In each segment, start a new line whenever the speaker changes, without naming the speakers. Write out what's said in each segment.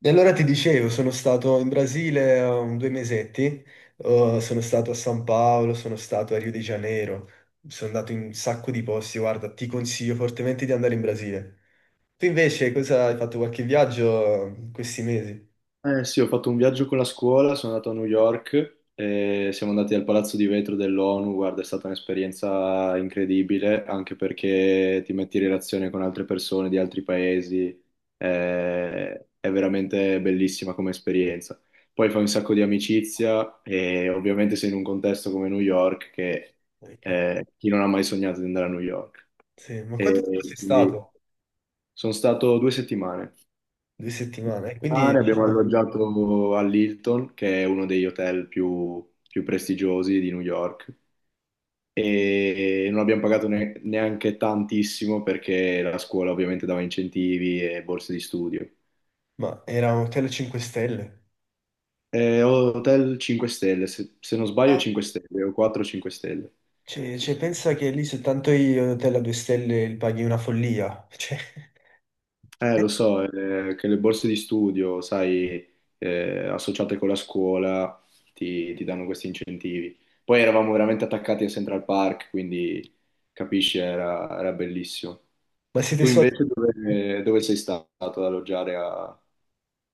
E allora ti dicevo, sono stato in Brasile due mesetti. Sono stato a San Paolo, sono stato a Rio de Janeiro, sono andato in un sacco di posti. Guarda, ti consiglio fortemente di andare in Brasile. Tu invece cosa hai fatto, qualche viaggio in questi mesi?
Eh sì, ho fatto un viaggio con la scuola, sono andato a New York e siamo andati al Palazzo di Vetro dell'ONU. Guarda, è stata un'esperienza incredibile, anche perché ti metti in relazione con altre persone di altri paesi. eh, è veramente bellissima come esperienza. Poi fai un sacco di amicizia e ovviamente sei in un contesto come New York che
Ecco.
chi non ha mai sognato di andare a New York.
Sì, ma quanto tempo sei
E quindi
stato?
sono stato due settimane
Due settimane, quindi
mare, abbiamo
diciamo,
alloggiato all'Hilton, che è uno degli hotel più prestigiosi di New York, e non abbiamo pagato neanche tantissimo perché la scuola ovviamente dava incentivi e borse di studio.
ma era un hotel a 5 stelle?
Hotel 5 stelle, se non sbaglio
Ah,
5 stelle o 4-5 stelle.
cioè, pensa che lì soltanto gli hotel a 2 stelle li paghi una follia, cioè,
Lo so, che le borse di studio, sai, associate con la scuola, ti danno questi incentivi. Poi eravamo veramente attaccati a Central Park, quindi capisci, era bellissimo.
ma siete
Tu
soldi.
invece dove sei stato ad alloggiare a,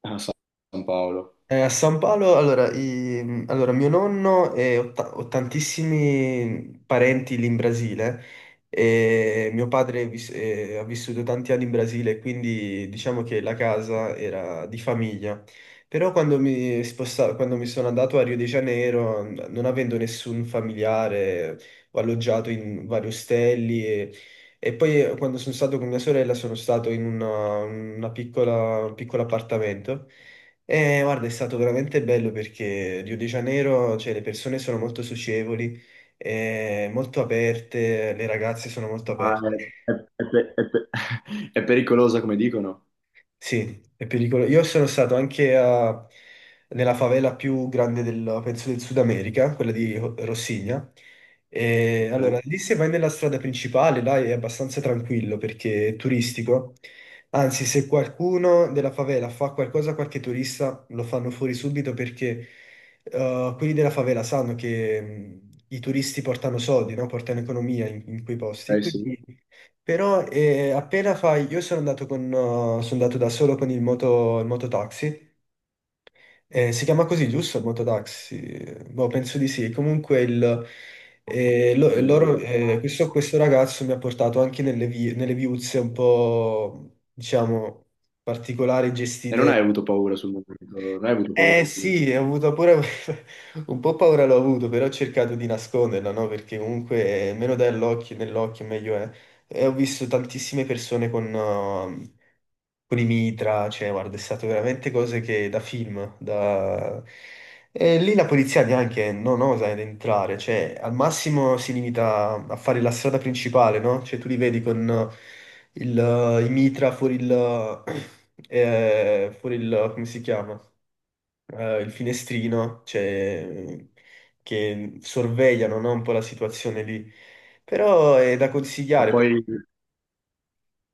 a San Paolo?
A San Paolo, allora, allora, mio nonno e ho, ho tantissimi parenti lì in Brasile e mio padre ha vissuto tanti anni in Brasile, quindi diciamo che la casa era di famiglia. Però quando mi sono andato a Rio de Janeiro, non avendo nessun familiare, ho alloggiato in vari ostelli e poi quando sono stato con mia sorella sono stato in una piccola, un piccolo appartamento. Guarda, è stato veramente bello perché Rio de Janeiro, cioè, le persone sono molto socievoli, molto aperte, le ragazze sono molto
Ma
aperte.
è, è- è pe- è pe- è pericolosa come dicono?
Sì, è pericoloso. Io sono stato anche nella favela più grande del, penso, del Sud America, quella di Rossigna. E
Ok,
allora, lì se vai nella strada principale, là è abbastanza tranquillo perché è turistico. Anzi, se qualcuno della favela fa qualcosa a qualche turista, lo fanno fuori subito perché quelli della favela sanno che i turisti portano soldi, no? Portano economia in quei posti. E
eh
quindi
sì.
però appena fai, io sono andato, con, sono andato da solo con il moto, il mototaxi. Si chiama così giusto il mototaxi? Boh, penso di sì. Comunque il, lo-
Non ho
loro,
idea.
questo ragazzo mi ha portato anche nelle, nelle viuzze un po', diciamo, particolari,
E non hai
gestite.
avuto paura sul momento, non hai avuto paura
Eh
sul momento.
sì, ho avuto pure un po' paura l'ho avuto, però ho cercato di nasconderla, no? Perché comunque meno dai all'occhio, nell'occhio meglio è. E ho visto tantissime persone con i mitra, cioè guarda, è stato veramente cose che da film, da... E lì la polizia neanche non osa ad entrare, cioè al massimo si limita a fare la strada principale, no? Cioè tu li vedi con i mitra fuori il... fuori il... come si chiama? Eh, il finestrino, cioè, che sorvegliano, no, un po' la situazione lì. Però è da
Ma
consigliare
poi.
perché,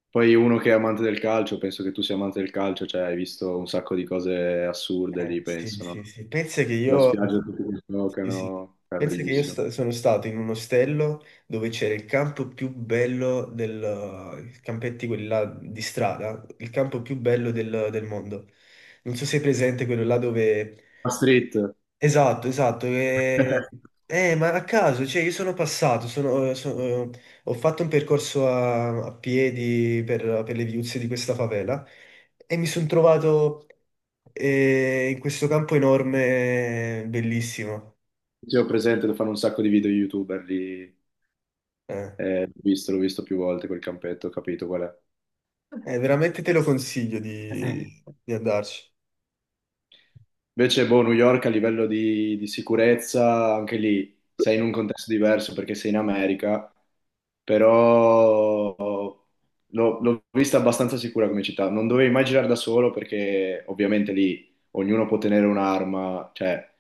Poi uno che è amante del calcio, penso che tu sia amante del calcio, cioè hai visto un sacco di cose assurde lì,
sì,
penso,
sì,
no?
sì.
La spiaggia tutti che
Sì, sì.
giocano, è
Pensa che io
bellissimo.
sono stato in un ostello dove c'era il campo più bello del, i campetti quelli là di strada, il campo più bello del, del mondo. Non so se è presente quello là dove...
La street.
Esatto, esatto. Ma a caso, cioè io sono passato, ho fatto un percorso a, a piedi per le viuzze di questa favela e mi sono trovato in questo campo enorme, bellissimo.
Sì, ho presente, lo fanno un sacco di video youtuber lì,
Eh,
l'ho visto più volte quel campetto, ho capito qual è.
veramente te lo consiglio di andarci.
Invece, boh, New York a livello di sicurezza, anche lì sei in un contesto diverso perché sei in America, però l'ho vista abbastanza sicura come città, non dovevi mai girare da solo perché ovviamente lì ognuno può tenere un'arma, cioè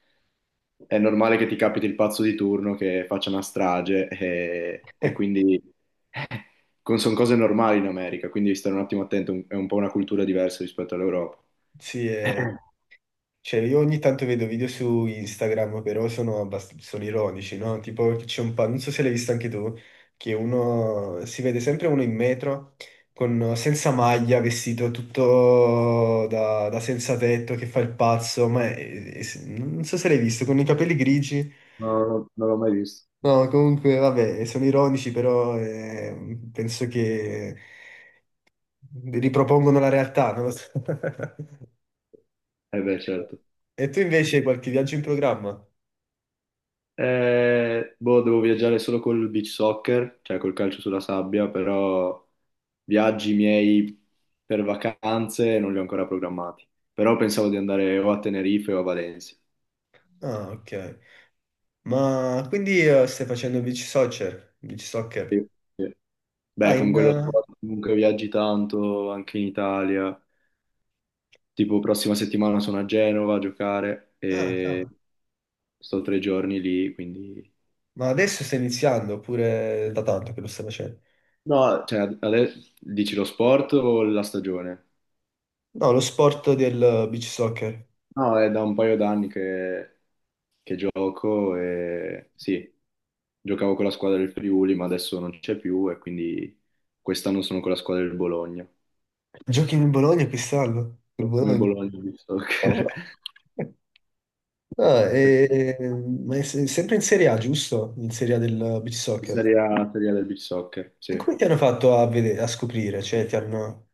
è normale che ti capiti il pazzo di turno che faccia una strage e quindi sono cose normali in America, quindi stare un attimo attento, è un po' una cultura diversa rispetto all'Europa.
Sì, cioè, io ogni tanto vedo video su Instagram, però sono, sono ironici, no? Tipo, che c'è un non so se l'hai visto anche tu, che uno si vede sempre uno in metro con, senza maglia, vestito tutto da, da senza tetto, che fa il pazzo, ma non so se l'hai visto, con i capelli grigi.
No, non l'ho mai visto.
No, comunque, vabbè, sono ironici, però penso che ripropongono la realtà, non lo so.
Eh beh, certo.
E tu invece hai qualche viaggio in programma?
Boh, devo viaggiare solo col beach soccer, cioè col calcio sulla sabbia, però viaggi miei per vacanze non li ho ancora programmati. Però pensavo di andare o a Tenerife o a Valencia.
Ah, ok. Ma quindi stai facendo beach soccer? Beach soccer?
Sì, sì.
Ah,
Beh, con
in...
quello sport comunque viaggi tanto anche in Italia. Tipo, prossima settimana sono a Genova a giocare
ah,
e
cavolo.
sto tre giorni lì, quindi.
Ma adesso stai iniziando oppure da tanto che lo stai facendo?
No, cioè, adesso dici lo sport o la stagione?
No, lo sport del beach soccer.
No, è da un paio d'anni che gioco e sì, giocavo con la squadra del Friuli, ma adesso non c'è più e quindi quest'anno sono con la squadra del Bologna.
Giochi in Bologna quest'anno? In
Come
Bologna?
Bologna di soccer.
Cavolo. Ah, ma è sempre in Serie A, giusto? In Serie A del beach
Di
soccer.
Serie A, Serie A del beach soccer,
E
sì.
come ti hanno fatto a, vedere, a scoprire? Cioè, ti hanno...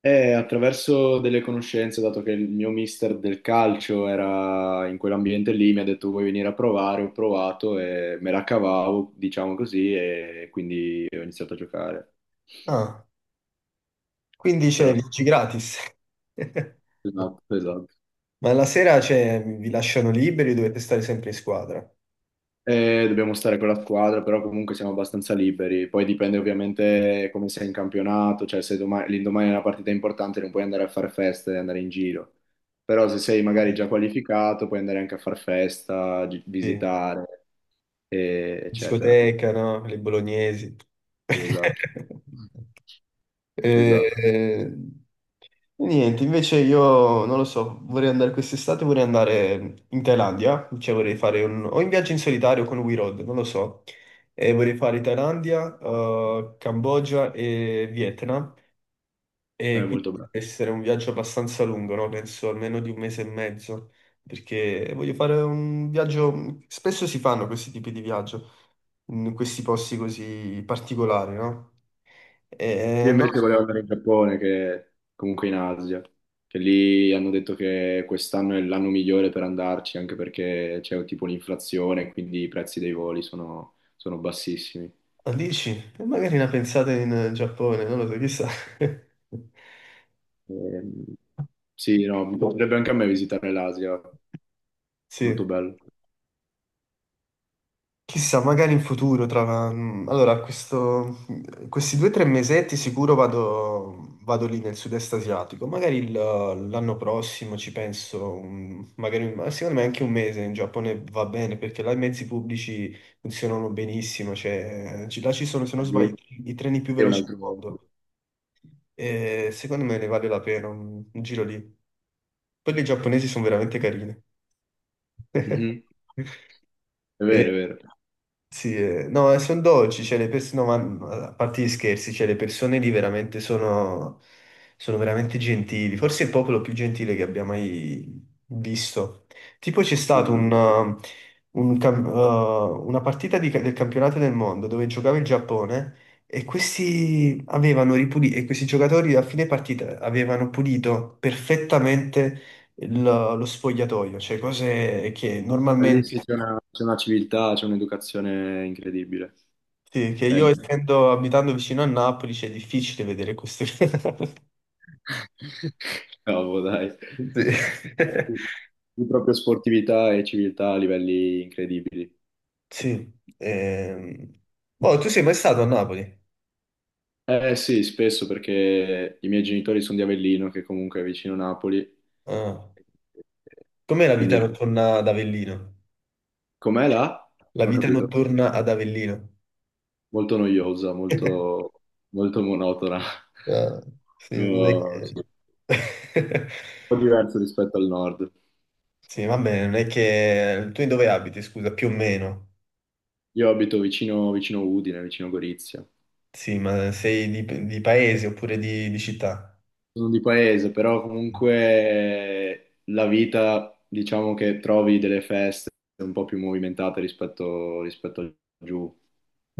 E attraverso delle conoscenze, dato che il mio mister del calcio era in quell'ambiente lì, mi ha detto vuoi venire a provare, ho provato e me la cavavo, diciamo così, e quindi ho iniziato a giocare.
Ah, quindi c'è
Però sì.
viaggi gratis.
Esatto, esatto.
Ma la sera, cioè, vi lasciano liberi, dovete stare sempre in squadra.
E dobbiamo stare con la squadra, però comunque siamo abbastanza liberi. Poi dipende ovviamente come sei in campionato, cioè se l'indomani è una partita importante non puoi andare a fare festa e andare in giro. Però se sei magari già qualificato puoi andare anche a far festa,
Sì.
visitare, eccetera.
Discoteca, no? Le bolognesi.
Esatto, esatto.
Eh, niente, invece io non lo so, vorrei andare quest'estate, vorrei andare in Thailandia, cioè vorrei fare un... o in viaggio in solitario con We Road, non lo so. E vorrei fare Thailandia, Cambogia e Vietnam.
È
E quindi
molto
deve
bello.
essere un viaggio abbastanza lungo, no? Penso almeno di un mese e mezzo, perché voglio fare un viaggio... Spesso si fanno questi tipi di viaggio, in questi posti così particolari, no? E
Io
no,
invece volevo andare in Giappone, che comunque in Asia, che lì hanno detto che quest'anno è l'anno migliore per andarci, anche perché c'è tipo l'inflazione, quindi i prezzi dei voli sono bassissimi.
dici, e magari una pensata in Giappone, non lo so, chissà.
Ehm, sì, no, mi piacerebbe anche a me visitare l'Asia, molto
Sì.
bello.
Chissà, magari in futuro, tra... allora, questi due o tre mesetti sicuro vado, vado lì nel sud-est asiatico, magari l'anno prossimo ci penso, magari, ma secondo me anche un mese in Giappone va bene, perché là i mezzi pubblici funzionano benissimo, cioè, là ci sono, se non
Lì.
sbaglio, i treni più
È un
veloci al
altro.
mondo, e secondo me ne vale la pena un giro lì. Poi i giapponesi sono veramente carini.
Mhm. È vero,
E-
è vero.
sì, no, sono dolci, cioè le persone, no, ma a parte gli scherzi, cioè le persone lì veramente sono, sono veramente gentili, forse il popolo più gentile che abbia mai visto. Tipo c'è stato
Lì
un una partita di del campionato del mondo dove giocava il Giappone e questi giocatori a fine partita avevano pulito perfettamente lo sfogliatoio, cioè cose che mm normalmente...
sì, c'è una civiltà, c'è un'educazione incredibile.
Sì, che
Cioè,
io essendo abitando vicino a Napoli c'è difficile vedere queste cose.
Cavolo, dai.
Sì.
Di proprio sportività e civiltà a livelli incredibili.
Sì. Ehm, boh, tu sei mai stato a Napoli?
Eh sì, spesso perché i miei genitori sono di Avellino, che comunque è vicino Napoli,
Ah. Com'è la vita
quindi
notturna ad Avellino?
com'è là?
La
Non ho
vita
capito.
notturna ad Avellino.
Molto noiosa, molto, molto monotona.
Ah, sì, non è
Sì,
che...
un po' diverso rispetto al nord.
Sì, vabbè, non è che... Tu in dove abiti, scusa, più o meno?
Io abito vicino Udine, vicino Gorizia.
Sì, ma sei di paese oppure di città?
Sono di paese, però comunque la vita, diciamo che trovi delle feste un po' più movimentate rispetto a giù.